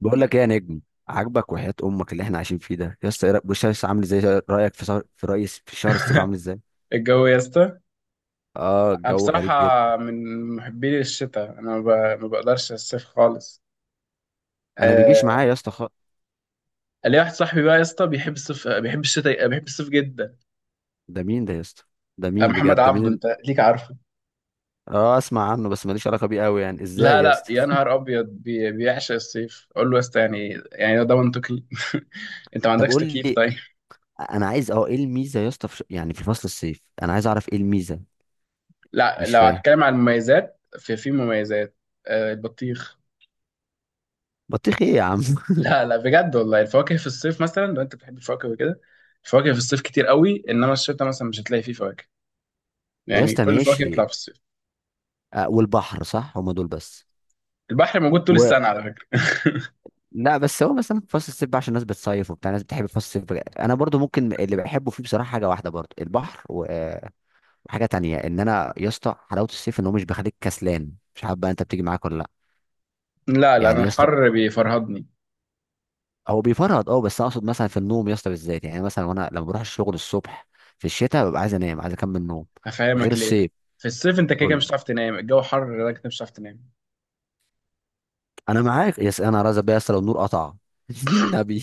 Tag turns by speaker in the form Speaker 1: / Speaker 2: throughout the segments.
Speaker 1: بقول لك ايه يا نجم؟ عاجبك وحياة امك اللي احنا عايشين فيه ده؟ يا اسطى بص يا اسطى، عامل ازاي؟ رايك في شهر الصيف عامل ازاي؟
Speaker 2: الجو يا اسطى.
Speaker 1: اه
Speaker 2: أنا
Speaker 1: الجو
Speaker 2: بصراحة
Speaker 1: غريب جدا.
Speaker 2: من محبين الشتاء. أنا ما بقدرش الصيف خالص.
Speaker 1: انا
Speaker 2: آه.
Speaker 1: بيجيش معايا يا اسطى
Speaker 2: ليا واحد صاحبي بقى يا اسطى بيحب الصيف، بيحب الشتاء، بيحب الصيف جدا.
Speaker 1: ده مين ده يا اسطى؟ ده
Speaker 2: آه،
Speaker 1: مين
Speaker 2: محمد
Speaker 1: بجد؟
Speaker 2: عبده أنت ليك عارفه؟
Speaker 1: اه، اسمع عنه بس ماليش علاقة بيه قوي، يعني
Speaker 2: لا
Speaker 1: ازاي يا
Speaker 2: لا يا
Speaker 1: اسطى؟
Speaker 2: نهار أبيض، بيعشق الصيف. أقول له يا اسطى يعني ده منطقي؟ أنت ما
Speaker 1: طب
Speaker 2: عندكش
Speaker 1: قول
Speaker 2: تكييف
Speaker 1: لي،
Speaker 2: طيب؟
Speaker 1: انا عايز اه ايه الميزة يا اسطى يعني في فصل الصيف، انا عايز اعرف ايه الميزة.
Speaker 2: لا،
Speaker 1: مش
Speaker 2: لو
Speaker 1: فاهم.
Speaker 2: هتكلم عن المميزات في مميزات. آه، البطيخ.
Speaker 1: بطيخ ايه يا عم؟
Speaker 2: لا لا بجد والله، الفواكه في الصيف. مثلا لو أنت بتحب الفواكه وكده، الفواكه في الصيف كتير قوي. انما الشتاء مثلا مش هتلاقي فيه فواكه.
Speaker 1: يا
Speaker 2: يعني
Speaker 1: اسطى
Speaker 2: كل الفواكه يطلع
Speaker 1: ماشي.
Speaker 2: في الصيف.
Speaker 1: آه، والبحر صح، هما دول بس؟
Speaker 2: البحر موجود طول السنة على فكرة.
Speaker 1: لا، بس هو مثلا في فصل الصيف بقى عشان الناس بتصيف وبتاع، الناس بتحب فصل الصيف بقى. انا برضو ممكن اللي بحبه فيه بصراحه حاجه واحده برضو البحر و- وحاجه تانية ان انا يا اسطى حلاوه الصيف ان هو مش بيخليك كسلان، مش عارف بقى انت بتيجي معاك ولا لا.
Speaker 2: لا لا،
Speaker 1: يعني
Speaker 2: أنا
Speaker 1: يا اسطى
Speaker 2: الحر بيفرهدني.
Speaker 1: هو بيفرهد اه، بس أنا اقصد مثلا في النوم يا اسطى بالذات، يعني مثلا وانا لما بروح الشغل الصبح في الشتاء ببقى عايز انام، عايز اكمل نوم، غير
Speaker 2: هفهمك ليه.
Speaker 1: الصيف.
Speaker 2: في الصيف أنت كده كده
Speaker 1: قول
Speaker 2: مش
Speaker 1: لي.
Speaker 2: هتعرف تنام. الجو حر لدرجة إنك مش هتعرف تنام.
Speaker 1: انا معاك يا اسطى، انا رازق بيا يا اسطى لو النور قطع. النبي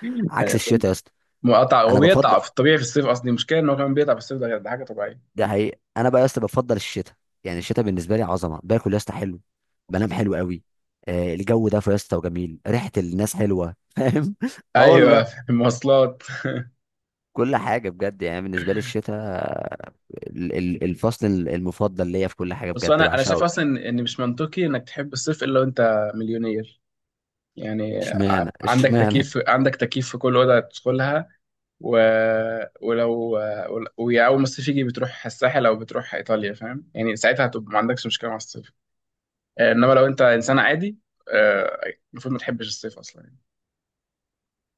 Speaker 1: عكس
Speaker 2: آه،
Speaker 1: الشتاء يا اسطى.
Speaker 2: مقطع. هو
Speaker 1: انا بفضل،
Speaker 2: بيقطع في الطبيعي في الصيف أصلا. المشكلة إن هو كمان بيقطع في الصيف. ده حاجة طبيعية.
Speaker 1: ده حقيقي، انا بقى يا اسطى بفضل الشتاء. يعني الشتاء بالنسبه لي عظمه، باكل يا اسطى حلو، بنام حلو قوي، آه الجو ده يا اسطى وجميل ريحه، الناس حلوه. فاهم؟ اه
Speaker 2: أيوه.
Speaker 1: والله،
Speaker 2: في المواصلات.
Speaker 1: كل حاجه بجد، يعني بالنسبه لي الشتاء الفصل المفضل ليا في كل حاجه،
Speaker 2: بس
Speaker 1: بجد
Speaker 2: أنا شايف
Speaker 1: بعشقه.
Speaker 2: أصلا إن مش منطقي إنك تحب الصيف إلا وأنت مليونير. يعني
Speaker 1: اشمعنى
Speaker 2: عندك
Speaker 1: اشمعنى
Speaker 2: تكييف، عندك تكييف في كل أوضة تدخلها. و... ولو ويا اول ما الصيف يجي بتروح الساحل او بتروح ايطاليا. فاهم؟ يعني ساعتها هتبقى ما عندكش مشكله مع الصيف. انما لو انت انسان عادي، آه، المفروض ما تحبش الصيف اصلا يعني.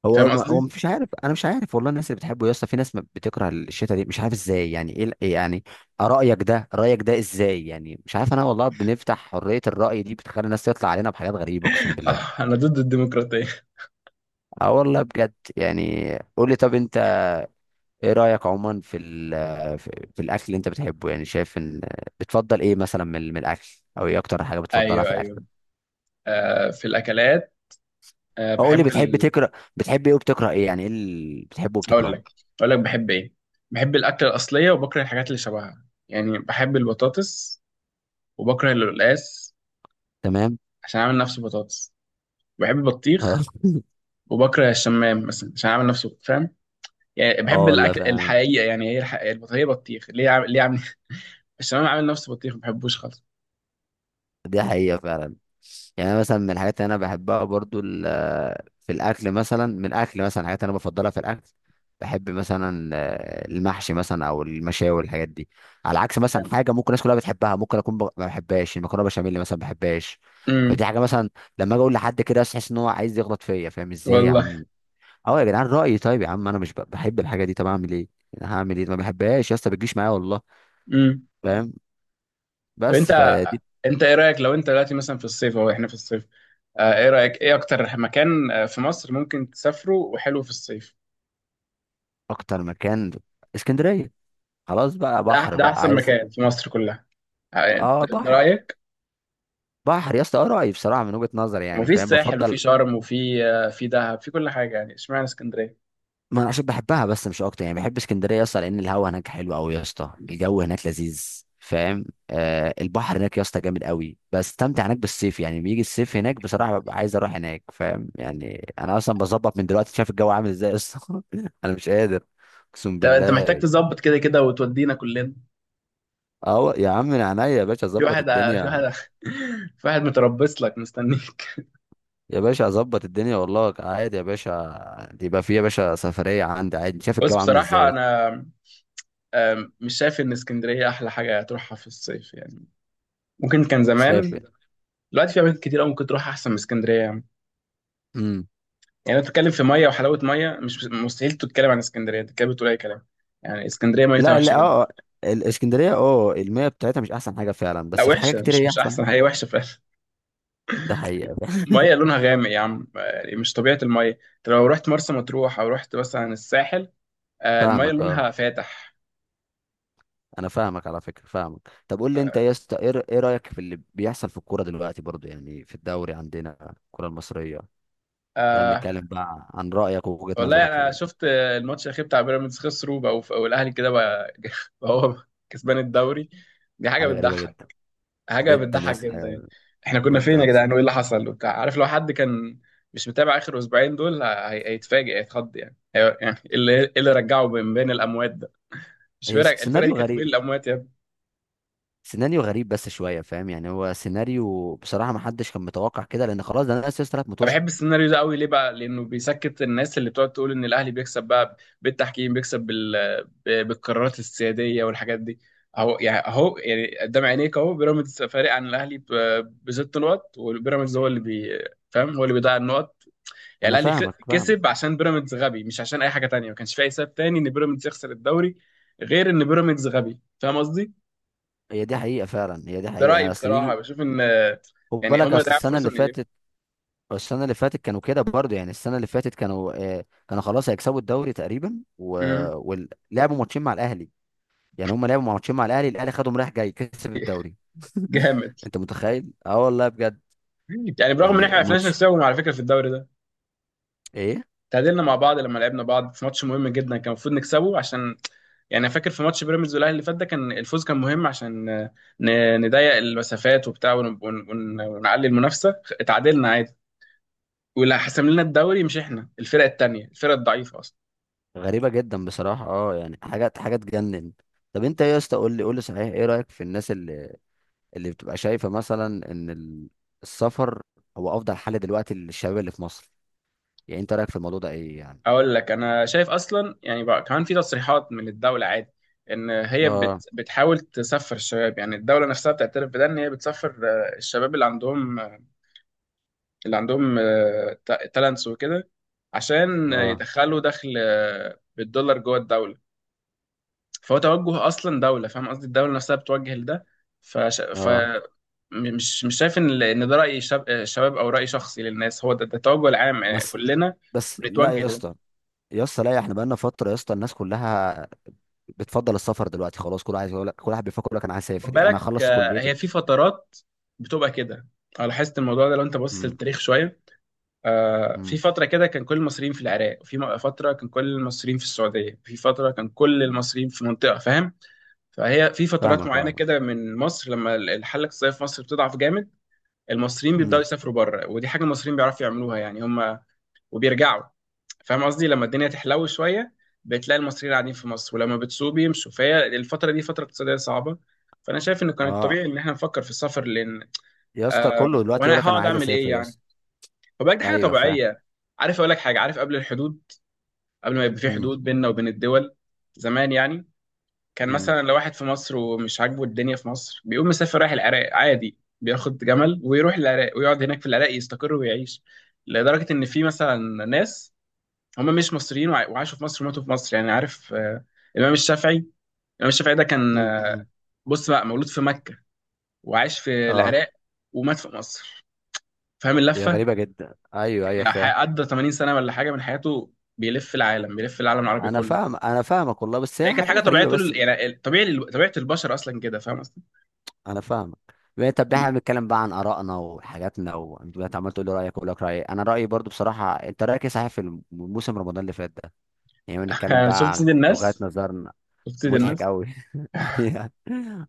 Speaker 2: فاهم قصدي؟
Speaker 1: هو مش عارف، انا مش عارف والله، الناس اللي بتحبه يا اسطى، في ناس ما بتكره الشتاء دي مش عارف ازاي، يعني ايه إيه يعني؟ رايك ده ازاي يعني؟ مش عارف انا والله، بنفتح حريه الراي دي بتخلي الناس تطلع علينا بحاجات غريبه اقسم بالله.
Speaker 2: انا ضد الديمقراطيه.
Speaker 1: اه والله بجد يعني. قول لي، طب انت ايه رايك عموما في ال- في في الاكل اللي انت بتحبه، يعني شايف ان بتفضل ايه مثلا من الاكل؟ او ايه اكتر حاجه بتفضلها في
Speaker 2: ايوه
Speaker 1: الاكل؟
Speaker 2: ايوه. في الاكلات.
Speaker 1: او قول لي
Speaker 2: بحب
Speaker 1: بتحب تكره، بتحب ايه وبتكره ايه، يعني ايه اللي بتحبه
Speaker 2: اقول
Speaker 1: وبتكرهه؟
Speaker 2: لك. اقول لك بحب ايه؟ بحب الاكله الاصليه وبكره الحاجات اللي شبهها. يعني بحب البطاطس وبكره القلقاس
Speaker 1: تمام.
Speaker 2: عشان اعمل نفسه بطاطس. بحب
Speaker 1: اه
Speaker 2: البطيخ وبكره الشمام مثلا عشان اعمل نفسه. فاهم؟ يعني
Speaker 1: اه
Speaker 2: بحب
Speaker 1: والله
Speaker 2: الاكل
Speaker 1: فعلا.
Speaker 2: الحقيقه. يعني هي الحقيقة، هي بطيخ، ليه عامل ليه عامل؟ الشمام عامل نفسه بطيخ، ما بحبوش خالص
Speaker 1: دي حقيقة فعلا. يعني أنا مثلا من الحاجات اللي أنا بحبها برضو في الأكل، مثلا من الأكل مثلا الحاجات اللي أنا بفضلها في الأكل، بحب مثلا آه، المحشي مثلا أو المشاوي والحاجات دي. على عكس مثلا
Speaker 2: يعني.
Speaker 1: حاجة ممكن الناس كلها بتحبها، ممكن ما بحبهاش المكرونة بشاميل مثلا ما بحبهاش.
Speaker 2: امم
Speaker 1: فدي حاجة مثلا لما أجي أقول لحد كده تحس إن هو عايز يغلط فيا، فاهم إزاي يا
Speaker 2: والله.
Speaker 1: عم؟ أه يا جدعان رأيي، طيب يا عم أنا مش ب- بحب الحاجة دي، طب أعمل إيه؟ أنا هعمل إيه؟ ما بحبهاش يا اسطى، بتجيش معايا والله.
Speaker 2: امم
Speaker 1: فاهم؟
Speaker 2: طب
Speaker 1: بس
Speaker 2: انت
Speaker 1: فدي.
Speaker 2: انت ايه رايك لو انت دلوقتي مثلا في الصيف؟ اهو احنا في الصيف. ايه رايك، ايه اكتر مكان في مصر ممكن تسافره وحلو في الصيف؟
Speaker 1: أكتر مكان اسكندرية، خلاص بقى بحر
Speaker 2: ده
Speaker 1: بقى
Speaker 2: احسن
Speaker 1: عايز.
Speaker 2: مكان في مصر كلها. آه،
Speaker 1: اه
Speaker 2: ده
Speaker 1: بحر.
Speaker 2: رايك.
Speaker 1: بحر يا اسطى، آه رأيي بصراحه من وجهه نظري، يعني
Speaker 2: وفي
Speaker 1: فاهم
Speaker 2: الساحل وفي
Speaker 1: بفضل.
Speaker 2: شرم وفي في دهب. في كل حاجه يعني. اشمعنى اسكندريه؟
Speaker 1: ما انا عشان بحبها بس مش اكتر، يعني بحب اسكندريه يا اسطى لان الهوا هناك حلو قوي يا اسطى، الجو هناك لذيذ، فاهم؟ آه البحر هناك يا اسطى جامد قوي، بستمتع هناك بالصيف، يعني بيجي الصيف هناك بصراحه ببقى عايز اروح هناك، فاهم يعني؟ انا اصلا بظبط من دلوقتي، شايف الجو عامل ازاي يا اسطى؟ انا مش قادر اقسم
Speaker 2: ده انت محتاج
Speaker 1: بالله.
Speaker 2: تظبط كده كده وتودينا كلنا.
Speaker 1: اه يا عم، من عينيا يا باشا
Speaker 2: في
Speaker 1: اظبط
Speaker 2: واحد في
Speaker 1: الدنيا.
Speaker 2: واحد في واحد متربص لك مستنيك.
Speaker 1: يا باشا اظبط الدنيا والله، عادي يا باشا، يبقى في يا باشا سفريه عندي عادي، شايف
Speaker 2: بص
Speaker 1: الجو عامل
Speaker 2: بصراحة
Speaker 1: ازاي؟
Speaker 2: أنا، مش شايف إن اسكندرية أحلى حاجة تروحها في الصيف يعني. ممكن كان
Speaker 1: شايف.
Speaker 2: زمان. دلوقتي في أماكن كتير أوي ممكن تروح أحسن من اسكندرية يعني.
Speaker 1: امم.
Speaker 2: يعني أنت بتتكلم في مية وحلاوة مية، مش مستحيل تتكلم عن اسكندرية. أنت كده بتقول أي كلام. يعني اسكندرية ميتها
Speaker 1: لا
Speaker 2: وحشة
Speaker 1: لا،
Speaker 2: جدا.
Speaker 1: اه آه. الاسكندريه اه، المياه بتاعتها مش احسن حاجه فعلا،
Speaker 2: لا
Speaker 1: بس في حاجات
Speaker 2: وحشة،
Speaker 1: كتير
Speaker 2: مش
Speaker 1: هي
Speaker 2: مش أحسن،
Speaker 1: احسن.
Speaker 2: هي وحشة فعلا.
Speaker 1: ده حقيقه.
Speaker 2: مية لونها غامق يا عم، يعني مش طبيعة المية. أنت لو رحت مرسى مطروح أو رحت مثلا الساحل، المية
Speaker 1: فاهمك اه.
Speaker 2: لونها فاتح.
Speaker 1: انا فاهمك على فكره، فاهمك. طب قول لي انت يا اسطى، إيه رايك في اللي بيحصل في الكوره دلوقتي؟ برضو يعني في الدوري عندنا الكوره المصريه، احنا
Speaker 2: آه،
Speaker 1: بنتكلم بقى عن رايك ووجهه
Speaker 2: والله
Speaker 1: نظرك
Speaker 2: انا
Speaker 1: يعني.
Speaker 2: شفت الماتش الاخير بتاع بيراميدز. خسروا، بقوا الاهلي كده بقى، بقى هو كسبان الدوري. دي حاجه
Speaker 1: حاجه غريبه
Speaker 2: بتضحك.
Speaker 1: جدا.
Speaker 2: حاجه
Speaker 1: جدا يا
Speaker 2: بتضحك
Speaker 1: اسطى.
Speaker 2: جدا يعني.
Speaker 1: حاجة-
Speaker 2: احنا كنا فين
Speaker 1: جدا
Speaker 2: يا
Speaker 1: أقسم
Speaker 2: جدعان، وايه
Speaker 1: بالله.
Speaker 2: اللي حصل وبتاع؟ عارف لو حد كان مش متابع اخر اسبوعين دول، هيتفاجئ هيتخض. يعني إيه اللي رجعه من بين الاموات ده؟ مش فرق، الفرقه دي
Speaker 1: سيناريو
Speaker 2: كانت بين
Speaker 1: غريب،
Speaker 2: الاموات.
Speaker 1: سيناريو غريب بس شويه، فاهم يعني؟ هو سيناريو بصراحه ما حدش كان متوقع كده، لان خلاص ده انا سيستر ثلاث
Speaker 2: انا
Speaker 1: متوشه.
Speaker 2: بحب السيناريو ده قوي. ليه بقى؟ لانه بيسكت الناس اللي بتقعد تقول ان الاهلي بيكسب بقى بالتحكيم، بيكسب بالقرارات السياديه والحاجات دي. اهو يعني، اهو يعني قدام عينيك اهو. بيراميدز فارق عن الاهلي ب6 نقط، وبيراميدز هو اللي فاهم، هو اللي بيضيع النقط. يعني
Speaker 1: انا
Speaker 2: الاهلي
Speaker 1: فاهمك فاهمك
Speaker 2: كسب عشان بيراميدز غبي، مش عشان اي حاجه تانية. ما كانش في اي سبب تاني ان بيراميدز يخسر الدوري غير ان بيراميدز غبي. فاهم قصدي.
Speaker 1: هي دي حقيقه فعلا هي دي
Speaker 2: ده رايي
Speaker 1: حقيقه اصل
Speaker 2: بصراحه،
Speaker 1: بيجي،
Speaker 2: بشوف ان
Speaker 1: خد
Speaker 2: يعني
Speaker 1: بالك
Speaker 2: هما
Speaker 1: اصل
Speaker 2: ضيعوا
Speaker 1: السنه
Speaker 2: فرصه
Speaker 1: اللي
Speaker 2: من ايديهم.
Speaker 1: فاتت. السنه اللي فاتت كانوا كده برضه، يعني السنه اللي فاتت كانوا آه، كانوا خلاص هيكسبوا الدوري تقريبا و...
Speaker 2: مم.
Speaker 1: ولعبوا ماتشين مع الاهلي، يعني هم لعبوا ماتشين مع الاهلي، الاهلي خدهم رايح جاي كسب الدوري.
Speaker 2: جامد.
Speaker 1: انت متخيل؟ اه والله بجد.
Speaker 2: يعني برغم ان
Speaker 1: يعني
Speaker 2: احنا ما عرفناش
Speaker 1: ماتش
Speaker 2: نكسبهم على فكره في الدوري ده.
Speaker 1: ايه؟
Speaker 2: تعادلنا مع بعض لما لعبنا بعض في ماتش مهم جدا كان المفروض نكسبه. عشان يعني أنا فاكر في ماتش بيراميدز والاهلي اللي فات، ده كان الفوز كان مهم عشان نضيق المسافات وبتاع ونعلي المنافسه. اتعادلنا عادي. واللي حسم لنا الدوري مش احنا، الفرق التانيه الفرق الضعيفه اصلا.
Speaker 1: غريبة جدا بصراحة، اه يعني حاجات، حاجة تجنن. طب انت ايه يا اسطى، قول لي، قول لي صحيح ايه رأيك في الناس اللي اللي بتبقى شايفة مثلا ان السفر هو افضل حل دلوقتي للشباب اللي في مصر؟ يعني انت رأيك في الموضوع ده ايه يعني؟
Speaker 2: اقول لك، انا شايف اصلا يعني بقى كمان في تصريحات من الدوله عادي ان هي
Speaker 1: اه.
Speaker 2: بتحاول تسفر الشباب. يعني الدوله نفسها بتعترف بده ان هي بتسفر الشباب اللي عندهم تالنتس وكده عشان
Speaker 1: اه.
Speaker 2: يدخلوا دخل بالدولار جوه الدولة. فهو توجه أصلا دولة، فاهم قصدي؟ الدولة نفسها بتوجه لده. فش... ف
Speaker 1: اه.
Speaker 2: م- مش مش شايف ان ان ده رأي شاب... آه، شباب او رأي شخصي للناس. هو ده، ده التوجه العام،
Speaker 1: بس.
Speaker 2: كلنا
Speaker 1: بس لا
Speaker 2: بنتوجه
Speaker 1: يا
Speaker 2: لده.
Speaker 1: اسطى يا اسطى لا، احنا بقالنا فترة يا اسطى الناس كلها بتفضل السفر دلوقتي، خلاص كل عايز يقول لك، كل واحد بيفكر يقول لك انا عايز
Speaker 2: خد
Speaker 1: اسافر، يعني انا
Speaker 2: بالك،
Speaker 1: اخلص كليتي.
Speaker 2: هي في فترات بتبقى كده. انا لاحظت الموضوع ده. لو انت بص
Speaker 1: امم.
Speaker 2: للتاريخ شوية، في
Speaker 1: امم.
Speaker 2: فترة كده كان كل المصريين في العراق، وفي فترة كان كل المصريين في السعودية، في فترة كان كل المصريين في منطقة، فاهم؟ فهي في فترات
Speaker 1: فاهمك
Speaker 2: معينة
Speaker 1: اه.
Speaker 2: كده من مصر لما الحالة الاقتصادية في مصر بتضعف جامد، المصريين بيبدأوا
Speaker 1: امم.
Speaker 2: يسافروا بره. ودي حاجة المصريين بيعرفوا يعملوها يعني هم، وبيرجعوا. فاهم قصدي؟ لما الدنيا تحلو شوية بتلاقي المصريين قاعدين في مصر، ولما بتسوق بيمشوا. فهي الفترة دي فترة اقتصادية صعبة، فأنا شايف إنه كان
Speaker 1: اه
Speaker 2: الطبيعي إن إحنا نفكر في السفر لأن
Speaker 1: يا اسطى،
Speaker 2: آه
Speaker 1: كله دلوقتي يقول
Speaker 2: وأنا
Speaker 1: لك انا
Speaker 2: هقعد
Speaker 1: عايز
Speaker 2: أعمل إيه
Speaker 1: اسافر يا
Speaker 2: يعني؟
Speaker 1: اسطى.
Speaker 2: وبقى دي حاجه
Speaker 1: ايوه فاهم.
Speaker 2: طبيعيه. عارف، اقول لك حاجه. عارف قبل الحدود، قبل ما يبقى في
Speaker 1: امم.
Speaker 2: حدود بيننا وبين الدول زمان يعني، كان
Speaker 1: امم.
Speaker 2: مثلا لو واحد في مصر ومش عاجبه الدنيا في مصر بيقوم مسافر رايح العراق عادي، بياخد جمل ويروح العراق ويقعد هناك في العراق يستقر ويعيش. لدرجه ان في مثلا ناس هم مش مصريين، وعاشوا في مصر وماتوا في مصر. يعني عارف، الامام الشافعي. الامام الشافعي ده كان،
Speaker 1: امم.
Speaker 2: بص بقى، مولود في مكه، وعاش في
Speaker 1: اه.
Speaker 2: العراق، ومات في مصر. فاهم
Speaker 1: هي
Speaker 2: اللفه؟
Speaker 1: غريبة جدا، ايوه ايوه
Speaker 2: يعني
Speaker 1: فاهم.
Speaker 2: قضى 80 سنه ولا حاجه من حياته بيلف العالم، بيلف العالم العربي
Speaker 1: انا
Speaker 2: كله.
Speaker 1: فاهم، انا فاهمك والله، بس هي
Speaker 2: هي كانت حاجه
Speaker 1: حاجة
Speaker 2: طبيعيه
Speaker 1: غريبة.
Speaker 2: طول
Speaker 1: بس
Speaker 2: يعني طبيعي طبيعه البشر اصلا كده. فاهم قصدي؟
Speaker 1: انا فاهمك. بقى- طب احنا بنتكلم بقى عن ارائنا وحاجاتنا، وانت دلوقتي عمال تقول لي رايك واقول لك رايي. انا رايي برضو بصراحه، انت رايك ايه صحيح في موسم رمضان اللي فات ده؟ يعني بنتكلم بقى
Speaker 2: شفت
Speaker 1: عن
Speaker 2: سيد
Speaker 1: وجهات
Speaker 2: الناس؟
Speaker 1: نظرنا.
Speaker 2: شفت سيد
Speaker 1: مضحك
Speaker 2: الناس؟
Speaker 1: قوي. أيوة.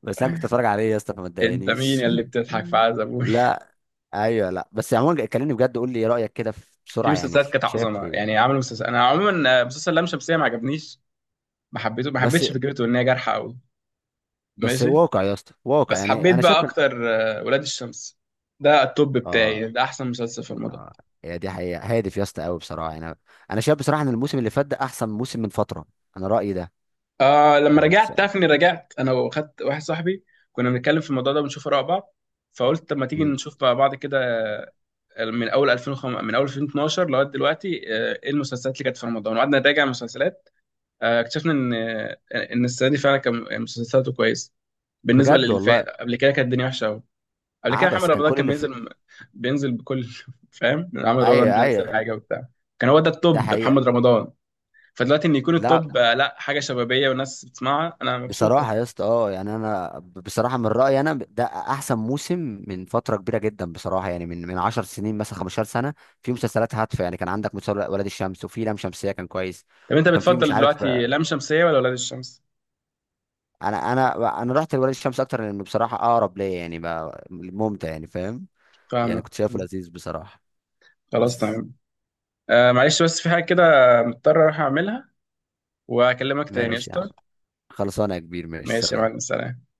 Speaker 1: بس انا كنت اتفرج عليه يا اسطى فما
Speaker 2: انت مين
Speaker 1: تضايقنيش.
Speaker 2: يا اللي بتضحك في عز ابوي؟
Speaker 1: لا. ايوه لا، بس عموما كلمني بجد، قول لي ايه رايك كده في-
Speaker 2: في
Speaker 1: بسرعه يعني،
Speaker 2: مسلسلات
Speaker 1: في-
Speaker 2: كانت
Speaker 1: شايف
Speaker 2: عظمه
Speaker 1: ايه؟
Speaker 2: يعني. عملوا مسلسل، انا عموما مسلسل لام شمسيه ما عجبنيش. ما
Speaker 1: بس
Speaker 2: حبيتش فكرته، ان هي جارحه قوي.
Speaker 1: بس
Speaker 2: ماشي.
Speaker 1: واقع يا اسطى، واقع
Speaker 2: بس
Speaker 1: يعني،
Speaker 2: حبيت
Speaker 1: انا
Speaker 2: بقى
Speaker 1: شايف إن-
Speaker 2: اكتر ولاد الشمس. ده التوب
Speaker 1: اه.
Speaker 2: بتاعي، ده احسن مسلسل في رمضان.
Speaker 1: اه. هي دي حقيقة، هادف يا اسطى قوي بصراحة، يعني انا أنا شايف بصراحة ان الموسم اللي فات ده احسن موسم من فترة. انا رأيي ده.
Speaker 2: آه، لما
Speaker 1: يعني بس...
Speaker 2: رجعت تعرف اني رجعت، انا واخدت واحد صاحبي كنا بنتكلم في الموضوع ده، بنشوف اراء بعض. فقلت طب ما تيجي
Speaker 1: مم.
Speaker 2: نشوف بقى بعض كده من اول 2005، من اول 2012 لغايه دلوقتي. ايه المسلسلات اللي كانت في رمضان، وقعدنا نراجع المسلسلات. اكتشفنا ان السنه دي فعلا كان مسلسلاته كويسه. بالنسبه
Speaker 1: بجد
Speaker 2: للي
Speaker 1: والله.
Speaker 2: فات قبل كده كانت الدنيا وحشه قوي. قبل كده
Speaker 1: عبس
Speaker 2: محمد
Speaker 1: كان
Speaker 2: رمضان
Speaker 1: كل
Speaker 2: كان
Speaker 1: اللي في.
Speaker 2: بينزل، بينزل بكل فاهم؟ محمد رمضان
Speaker 1: ايوه
Speaker 2: بينزل
Speaker 1: ايوه.
Speaker 2: حاجه وبتاع، كان هو ده
Speaker 1: ده
Speaker 2: التوب
Speaker 1: حقيقة.
Speaker 2: محمد رمضان. فدلوقتي ان يكون
Speaker 1: لا
Speaker 2: التوب لا، حاجه شبابيه والناس بتسمعها، انا مبسوط.
Speaker 1: بصراحة يا اسطى اه، يعني بصراحة من رأيي انا ده احسن موسم من فترة كبيرة جدا بصراحة، يعني من 10 سنين مثلا، 15 سنة. في مسلسلات هادفة، يعني كان عندك مسلسل ولاد الشمس، وفي لام شمسية كان كويس،
Speaker 2: طب انت
Speaker 1: وكان في مش
Speaker 2: بتفضل
Speaker 1: عارف.
Speaker 2: دلوقتي لام شمسيه ولا ولاد الشمس؟
Speaker 1: انا رحت لولاد الشمس اكتر لانه بصراحه اقرب ليا، يعني بقى ممتع يعني، فاهم؟ يعني كنت
Speaker 2: فاهمك.
Speaker 1: شايفه لذيذ بصراحه.
Speaker 2: خلاص
Speaker 1: بس
Speaker 2: تمام. آه معلش، بس في حاجه كده مضطر اروح اعملها، واكلمك تاني
Speaker 1: ماشي يا عم،
Speaker 2: قشطه.
Speaker 1: خلصانه يا كبير، ماشي
Speaker 2: ماشي يا
Speaker 1: سلام.
Speaker 2: معلم، سلام.